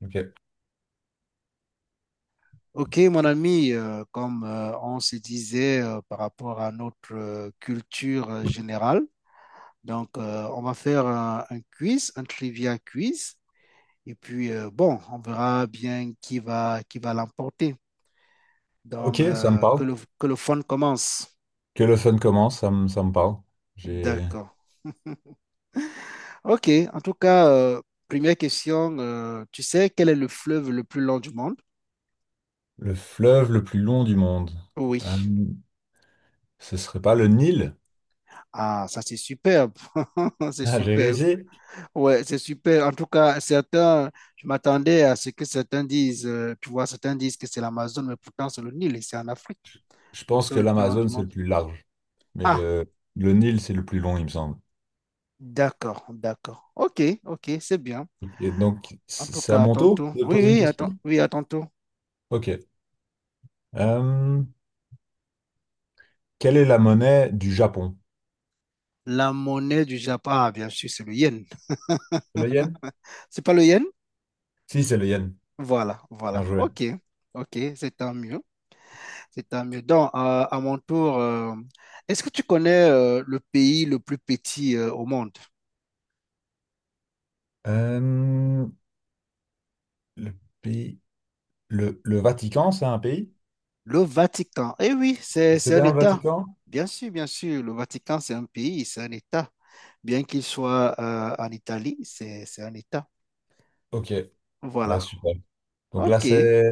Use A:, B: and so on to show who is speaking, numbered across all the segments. A: Ok,
B: Ok, mon ami, comme on se disait par rapport à notre culture générale, on va faire un quiz, un trivia quiz, et puis bon, on verra bien qui va l'emporter.
A: ok, ça me
B: Que
A: parle.
B: le fun commence.
A: Que le fun commence, ça me parle. J'ai
B: D'accord. Ok. En tout cas, première question. Tu sais quel est le fleuve le plus long du monde?
A: le fleuve le plus long du monde.
B: Oui.
A: Euh, Ce serait pas le Nil?
B: Ah, ça c'est superbe. C'est
A: Ah, j'ai
B: superbe.
A: réussi.
B: Ouais, c'est super. En tout cas, certains, je m'attendais à ce que certains disent, tu vois, certains disent que c'est l'Amazone, mais pourtant c'est le Nil et c'est en Afrique,
A: Je je
B: le
A: pense que
B: fleuve le plus long du
A: l'Amazone, c'est le
B: monde.
A: plus large. Mais
B: Ah,
A: le, le Nil, c'est le plus long, il me semble.
B: d'accord, d'accord. Ok, ok, c'est bien.
A: Et donc,
B: En tout
A: c'est à
B: cas, à
A: mon tour
B: tantôt.
A: de
B: Oui,
A: poser une
B: oui, attends,
A: question?
B: oui, à tantôt.
A: Ok. Euh, Quelle est la monnaie du Japon?
B: La monnaie du Japon, ah, bien sûr, c'est le yen.
A: C'est le yen?
B: C'est pas le yen?
A: Si, c'est le yen.
B: Voilà, voilà.
A: Bien joué.
B: Ok, ok, c'est tant mieux. C'est tant mieux. Donc, à mon tour, est-ce que tu connais le pays le plus petit au monde?
A: Euh, Le pays, le Vatican, c'est un pays?
B: Le Vatican. Eh oui,
A: C'est
B: c'est un
A: bien le
B: État.
A: Vatican?
B: Bien sûr, bien sûr. Le Vatican, c'est un pays, c'est un État. Bien qu'il soit en Italie, c'est un État.
A: Ok, ouais,
B: Voilà.
A: super. Donc là,
B: OK.
A: c'est...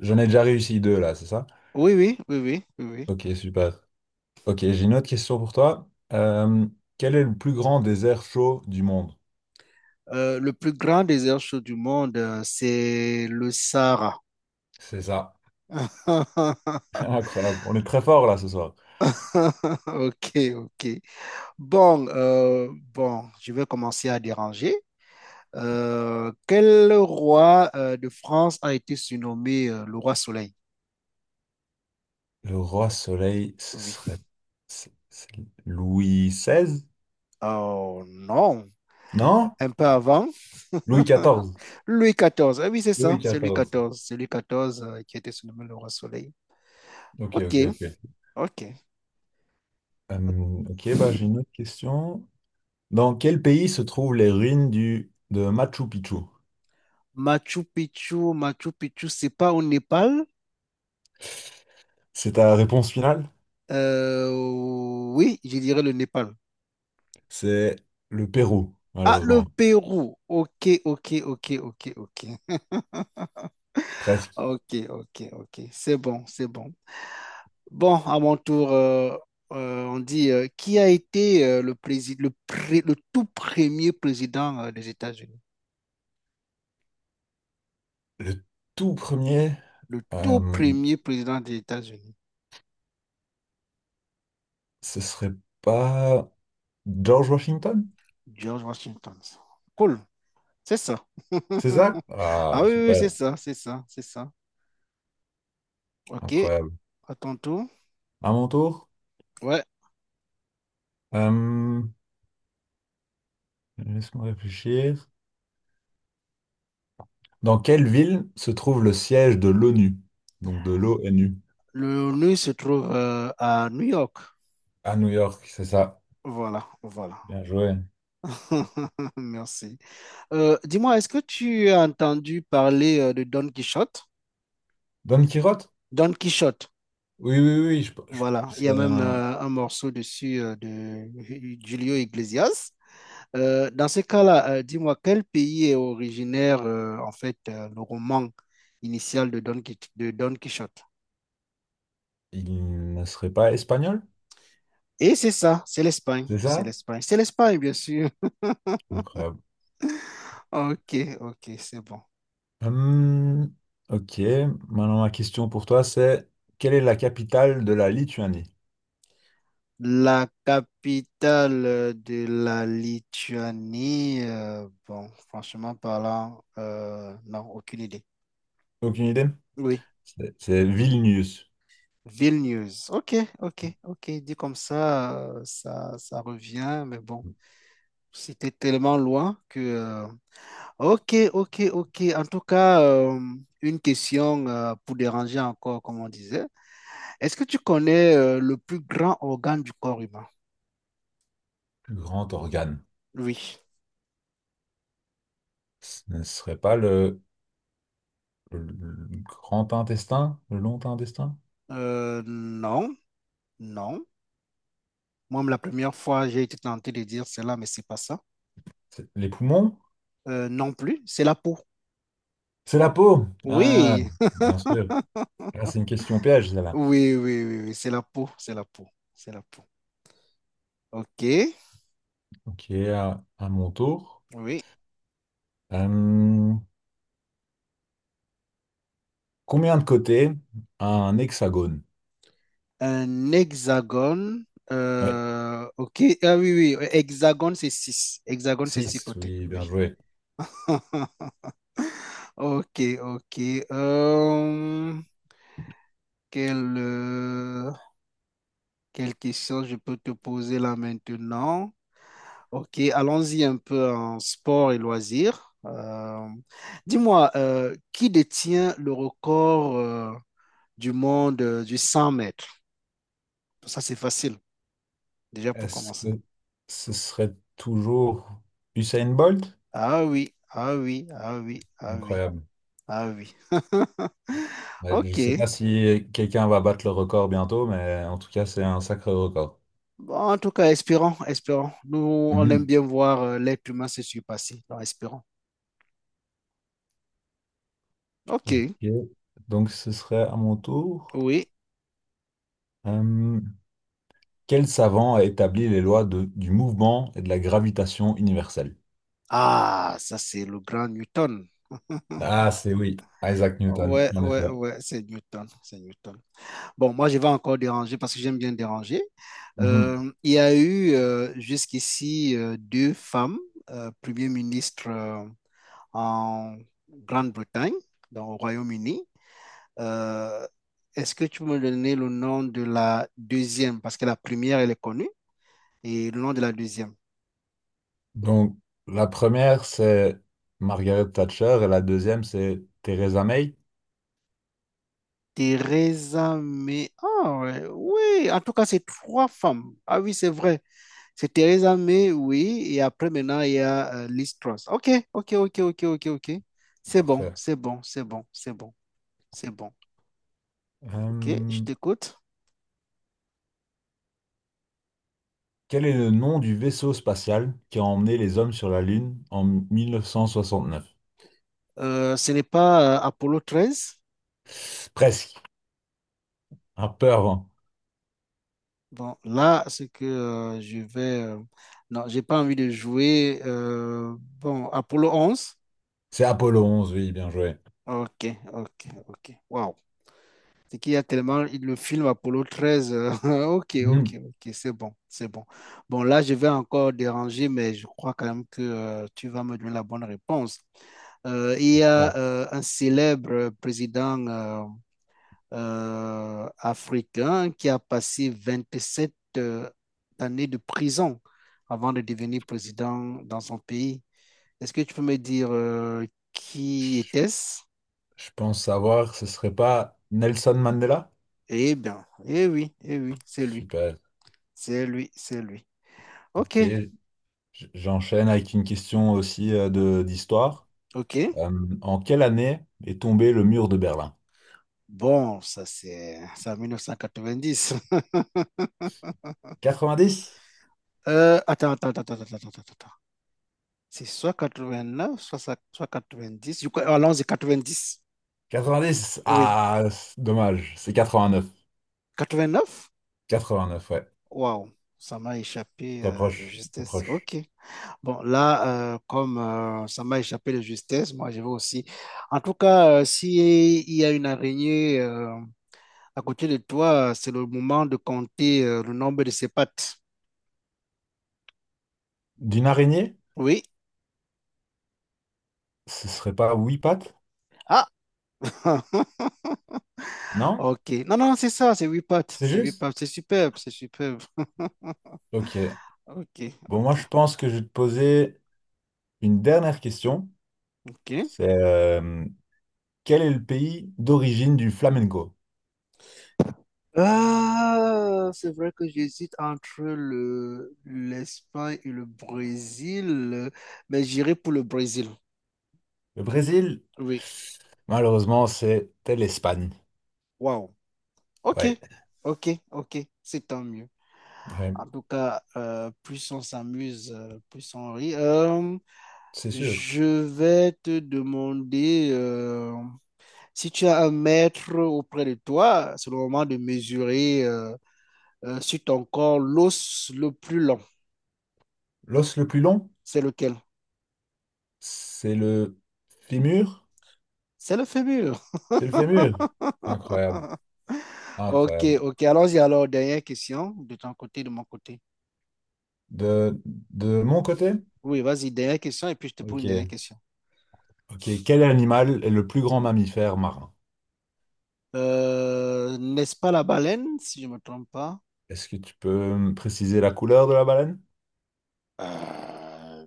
A: J'en ai déjà réussi deux, là, c'est ça?
B: Oui, oui, oui, oui, oui, oui.
A: Ok, super. Ok, j'ai une autre question pour toi. Quel est le plus grand désert chaud du monde?
B: Le plus grand désert chaud du monde, c'est le Sahara.
A: C'est ça. Incroyable. On est très fort, là, ce soir.
B: Ok, ok. Bon, bon, je vais commencer à déranger. Quel roi de France a été surnommé le roi Soleil?
A: Le roi soleil, ce
B: Oui.
A: serait... c'est Louis XVI?
B: Oh non,
A: Non?
B: un peu avant.
A: Louis XIV.
B: Louis XIV. Ah oui, c'est
A: Louis
B: ça, c'est Louis
A: XIV.
B: XIV. C'est Louis XIV qui a été surnommé le roi soleil.
A: Ok,
B: Ok,
A: ok, ok.
B: ok.
A: Euh, ok, bah, j'ai une autre question. Dans quel pays se trouvent les ruines de Machu Picchu?
B: Machu Picchu, Machu Picchu, c'est pas au Népal?
A: C'est ta réponse finale?
B: Euh, oui, je dirais le Népal.
A: C'est le Pérou,
B: Ah, le
A: malheureusement.
B: Pérou. Ok, ok, ok, ok, ok.
A: Presque.
B: Ok, ok, ok. C'est bon, c'est bon. Bon, à mon tour, on dit qui a été le tout premier président des États-Unis?
A: Le tout premier,
B: Le tout
A: euh,
B: premier président des États-Unis,
A: ce serait pas George Washington?
B: George Washington. Cool, c'est ça.
A: C'est ça?
B: Ah
A: Ah,
B: oui, oui, oui, c'est
A: super,
B: ça, c'est ça, c'est ça. Ok,
A: incroyable.
B: à ton tour.
A: À mon tour,
B: Ouais,
A: euh, laisse-moi réfléchir. Dans quelle ville se trouve le siège de l'ONU? Donc de l'O N U.
B: le nœud se trouve à New York.
A: À New York, c'est ça.
B: Voilà, voilà.
A: Bien joué.
B: Merci. Dis-moi, est-ce que tu as entendu parler de Don Quichotte?
A: Don Quirote?
B: Don Quichotte,
A: Oui, oui, oui,
B: voilà. Il y a
A: c'est
B: même
A: un,
B: un morceau dessus de Julio Iglesias. Dans ce cas-là, dis-moi, quel pays est originaire, en fait, le roman initial de Don Quichotte?
A: Il ne serait pas espagnol,
B: Et c'est ça, c'est l'Espagne,
A: c'est
B: c'est
A: ça?
B: l'Espagne, c'est l'Espagne, bien sûr.
A: Incroyable.
B: Ok, ok, c'est bon.
A: Hum, ok, maintenant ma question pour toi, c'est quelle est la capitale de la Lituanie?
B: La capitale de la Lituanie, bon, franchement parlant, non, aucune idée.
A: Aucune idée?
B: Oui,
A: C'est Vilnius,
B: Vilnius. Ok, ok, ok, dit comme ça, ça, ça revient, mais bon, c'était tellement loin que... ok, ok, ok. En tout cas, une question pour déranger encore, comme on disait. Est-ce que tu connais le plus grand organe du corps humain?
A: plus grand organe.
B: Oui.
A: Ce ne serait pas le, Le grand intestin, le long intestin?
B: Non, non. Moi, la première fois, j'ai été tenté de dire cela, mais c'est pas ça.
A: C'est- Les poumons?
B: Non plus, c'est la peau.
A: C'est la peau! Ah,
B: Oui,
A: bien sûr. Là, c'est une question piège, celle-là.
B: oui, oui, oui, oui, c'est la peau, c'est la peau, c'est la peau. Ok,
A: Ok, à mon tour.
B: oui.
A: Hum, combien de côtés a un hexagone?
B: Un hexagone.
A: Ouais.
B: Ok, ah oui, oui, hexagone, c'est six. Hexagone, c'est six
A: 6,
B: côtés.
A: oui, bien
B: Oui.
A: joué.
B: Ok, ok. Euh, quelle, euh, quelle question je peux te poser là maintenant? Ok, allons-y un peu en sport et loisirs. Dis-moi, qui détient le record du monde du 100 mètres? Ça, c'est facile, déjà pour
A: Est-ce que
B: commencer.
A: ce serait toujours Usain Bolt?
B: Ah oui, ah oui, ah oui, ah oui,
A: Incroyable.
B: ah oui.
A: Ouais, je ne
B: Ok,
A: sais pas si quelqu'un va battre le record bientôt, mais en tout cas, c'est un sacré record.
B: bon, en tout cas, espérons, espérons. Nous, on aime
A: Mhm.
B: bien voir l'être humain se surpasser. Donc, espérons. OK,
A: Ok. Donc, ce serait à mon tour.
B: oui.
A: Euh, Quel savant a établi les lois du mouvement et de la gravitation universelle?
B: Ah, ça, c'est le grand Newton.
A: Ah, c'est oui, Isaac Newton,
B: Ouais,
A: en
B: ouais,
A: effet.
B: ouais, c'est Newton, c'est Newton. Bon, moi, je vais encore déranger parce que j'aime bien déranger.
A: Mhm.
B: Il y a eu jusqu'ici 2 femmes, premières ministres en Grande-Bretagne, dans au Royaume-Uni. Euh, est-ce que tu peux me donner le nom de la deuxième? Parce que la première, elle est connue. Et le nom de la deuxième.
A: Donc, la première, c'est Margaret Thatcher et la deuxième, c'est Theresa May.
B: Teresa May. Ah, ouais, oui, en tout cas, c'est 3 femmes. Ah oui, c'est vrai. C'est Teresa May, oui. Et après, maintenant, il y a Liz Truss. OK, OK, OK, OK, OK, OK. C'est bon,
A: Parfait.
B: c'est bon, c'est bon, c'est bon, c'est bon. OK, je
A: Euh,
B: t'écoute.
A: Quel est le nom du vaisseau spatial qui a emmené les hommes sur la Lune en 1969?
B: Ce n'est pas Apollo 13?
A: Presque, un peu avant.
B: Bon, là, ce que je vais... non, j'ai pas envie de jouer. Bon, Apollo 11.
A: C'est Apollo onze, oui, bien joué.
B: OK, OK, OK. Wow. C'est qu'il y a tellement le film Apollo 13. Ok,
A: Mhm.
B: ok, ok, c'est bon, c'est bon. Bon, là, je vais encore déranger, mais je crois quand même que tu vas me donner la bonne réponse. Il y
A: Euh,
B: a un célèbre président africain qui a passé 27 années de prison avant de devenir président dans son pays. Est-ce que tu peux me dire qui
A: Je
B: était-ce?
A: je pense savoir, ce serait pas Nelson Mandela?
B: Eh bien, eh oui, c'est lui,
A: Super.
B: c'est lui, c'est lui. Ok,
A: Ok, j'enchaîne avec une question aussi de d'histoire.
B: ok.
A: Euh, En quelle année est tombé le mur de Berlin?
B: Bon, ça c'est en 1990.
A: Quatre-vingt-dix.
B: Attends, attends, attends, attends, attends, attends, attends, attends. C'est soit 89, soit 90. Je crois, allons-y, dix.
A: Quatre-vingt-dix.
B: Oui.
A: Ah, c'est dommage, c'est vingt neuf
B: 89.
A: ouais.
B: Waouh, ça m'a échappé
A: Très
B: de
A: proche, très
B: justesse.
A: proche.
B: Ok. Bon, là, comme ça m'a échappé de justesse, moi je vais aussi. En tout cas, si il y a une araignée à côté de toi, c'est le moment de compter le nombre de ses pattes.
A: D'une araignée?
B: Oui.
A: Ce serait pas huit pattes?
B: Ah,
A: Non?
B: ok. Non, non, c'est ça, c'est 8 pattes,
A: C'est
B: c'est huit
A: juste?
B: pattes, c'est superbe, c'est superbe.
A: Ok.
B: Ok,
A: Bon, moi,
B: ok,
A: je pense que je vais te poser une dernière question.
B: ok.
A: C'est quel est le pays d'origine du flamenco?
B: Ah, c'est vrai que j'hésite entre le l'Espagne et le Brésil, mais j'irai pour le Brésil.
A: Le Brésil,
B: Oui.
A: malheureusement, c'était l'Espagne.
B: Waouh. Ok,
A: Ouais,
B: ok, ok. C'est tant mieux.
A: ouais,
B: En tout cas, plus on s'amuse, plus on rit. Euh,
A: c'est sûr.
B: je vais te demander. Si tu as un mètre auprès de toi, c'est le moment de mesurer sur ton corps l'os le plus long.
A: L'os le plus long,
B: C'est lequel?
A: c'est le fémur.
B: C'est le fémur.
A: C'est le fémur. Incroyable,
B: Ok,
A: incroyable.
B: ok. Allons-y alors. Dernière question de ton côté, de mon côté.
A: De, de mon côté?
B: Oui, vas-y, dernière question et puis je te pose
A: Ok.
B: une dernière question.
A: Ok. Quel animal est le plus grand mammifère marin?
B: N'est-ce pas la baleine, si je ne me trompe pas?
A: Est-ce que tu peux me préciser la couleur de la baleine?
B: Euh,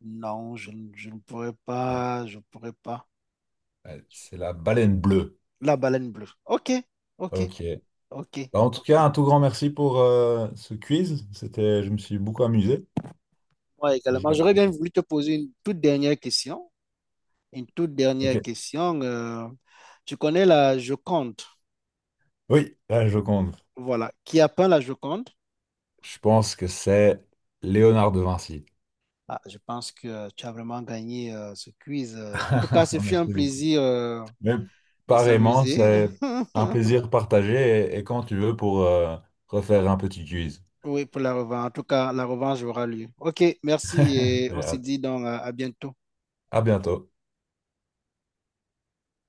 B: non, je ne pourrais
A: Ouais,
B: pas, je pourrais pas.
A: ouais, c'est la baleine bleue.
B: La baleine bleue. Ok, ok,
A: Ok.
B: ok,
A: Bah, en tout
B: ok.
A: cas, un tout grand merci pour ce quiz. C'était, je me suis beaucoup amusé.
B: Moi
A: J'ai
B: également, j'aurais
A: appris.
B: bien voulu te poser une toute dernière question. Une toute dernière
A: Ok.
B: question. Tu connais la Joconde,
A: Oui, là, je compte.
B: voilà. Qui a peint la Joconde?
A: Je pense que c'est Léonard de Vinci.
B: Ah, je pense que tu as vraiment gagné ce quiz. En tout cas, ce fut un
A: Merci beaucoup.
B: plaisir
A: Mais
B: de
A: pareillement,
B: s'amuser.
A: c'est un plaisir partagé et, quand tu veux pour refaire un petit quiz.
B: Oui, pour la revanche. En tout cas, la revanche aura lieu. OK, merci et
A: J'ai
B: on se
A: hâte.
B: dit donc à bientôt.
A: À bientôt.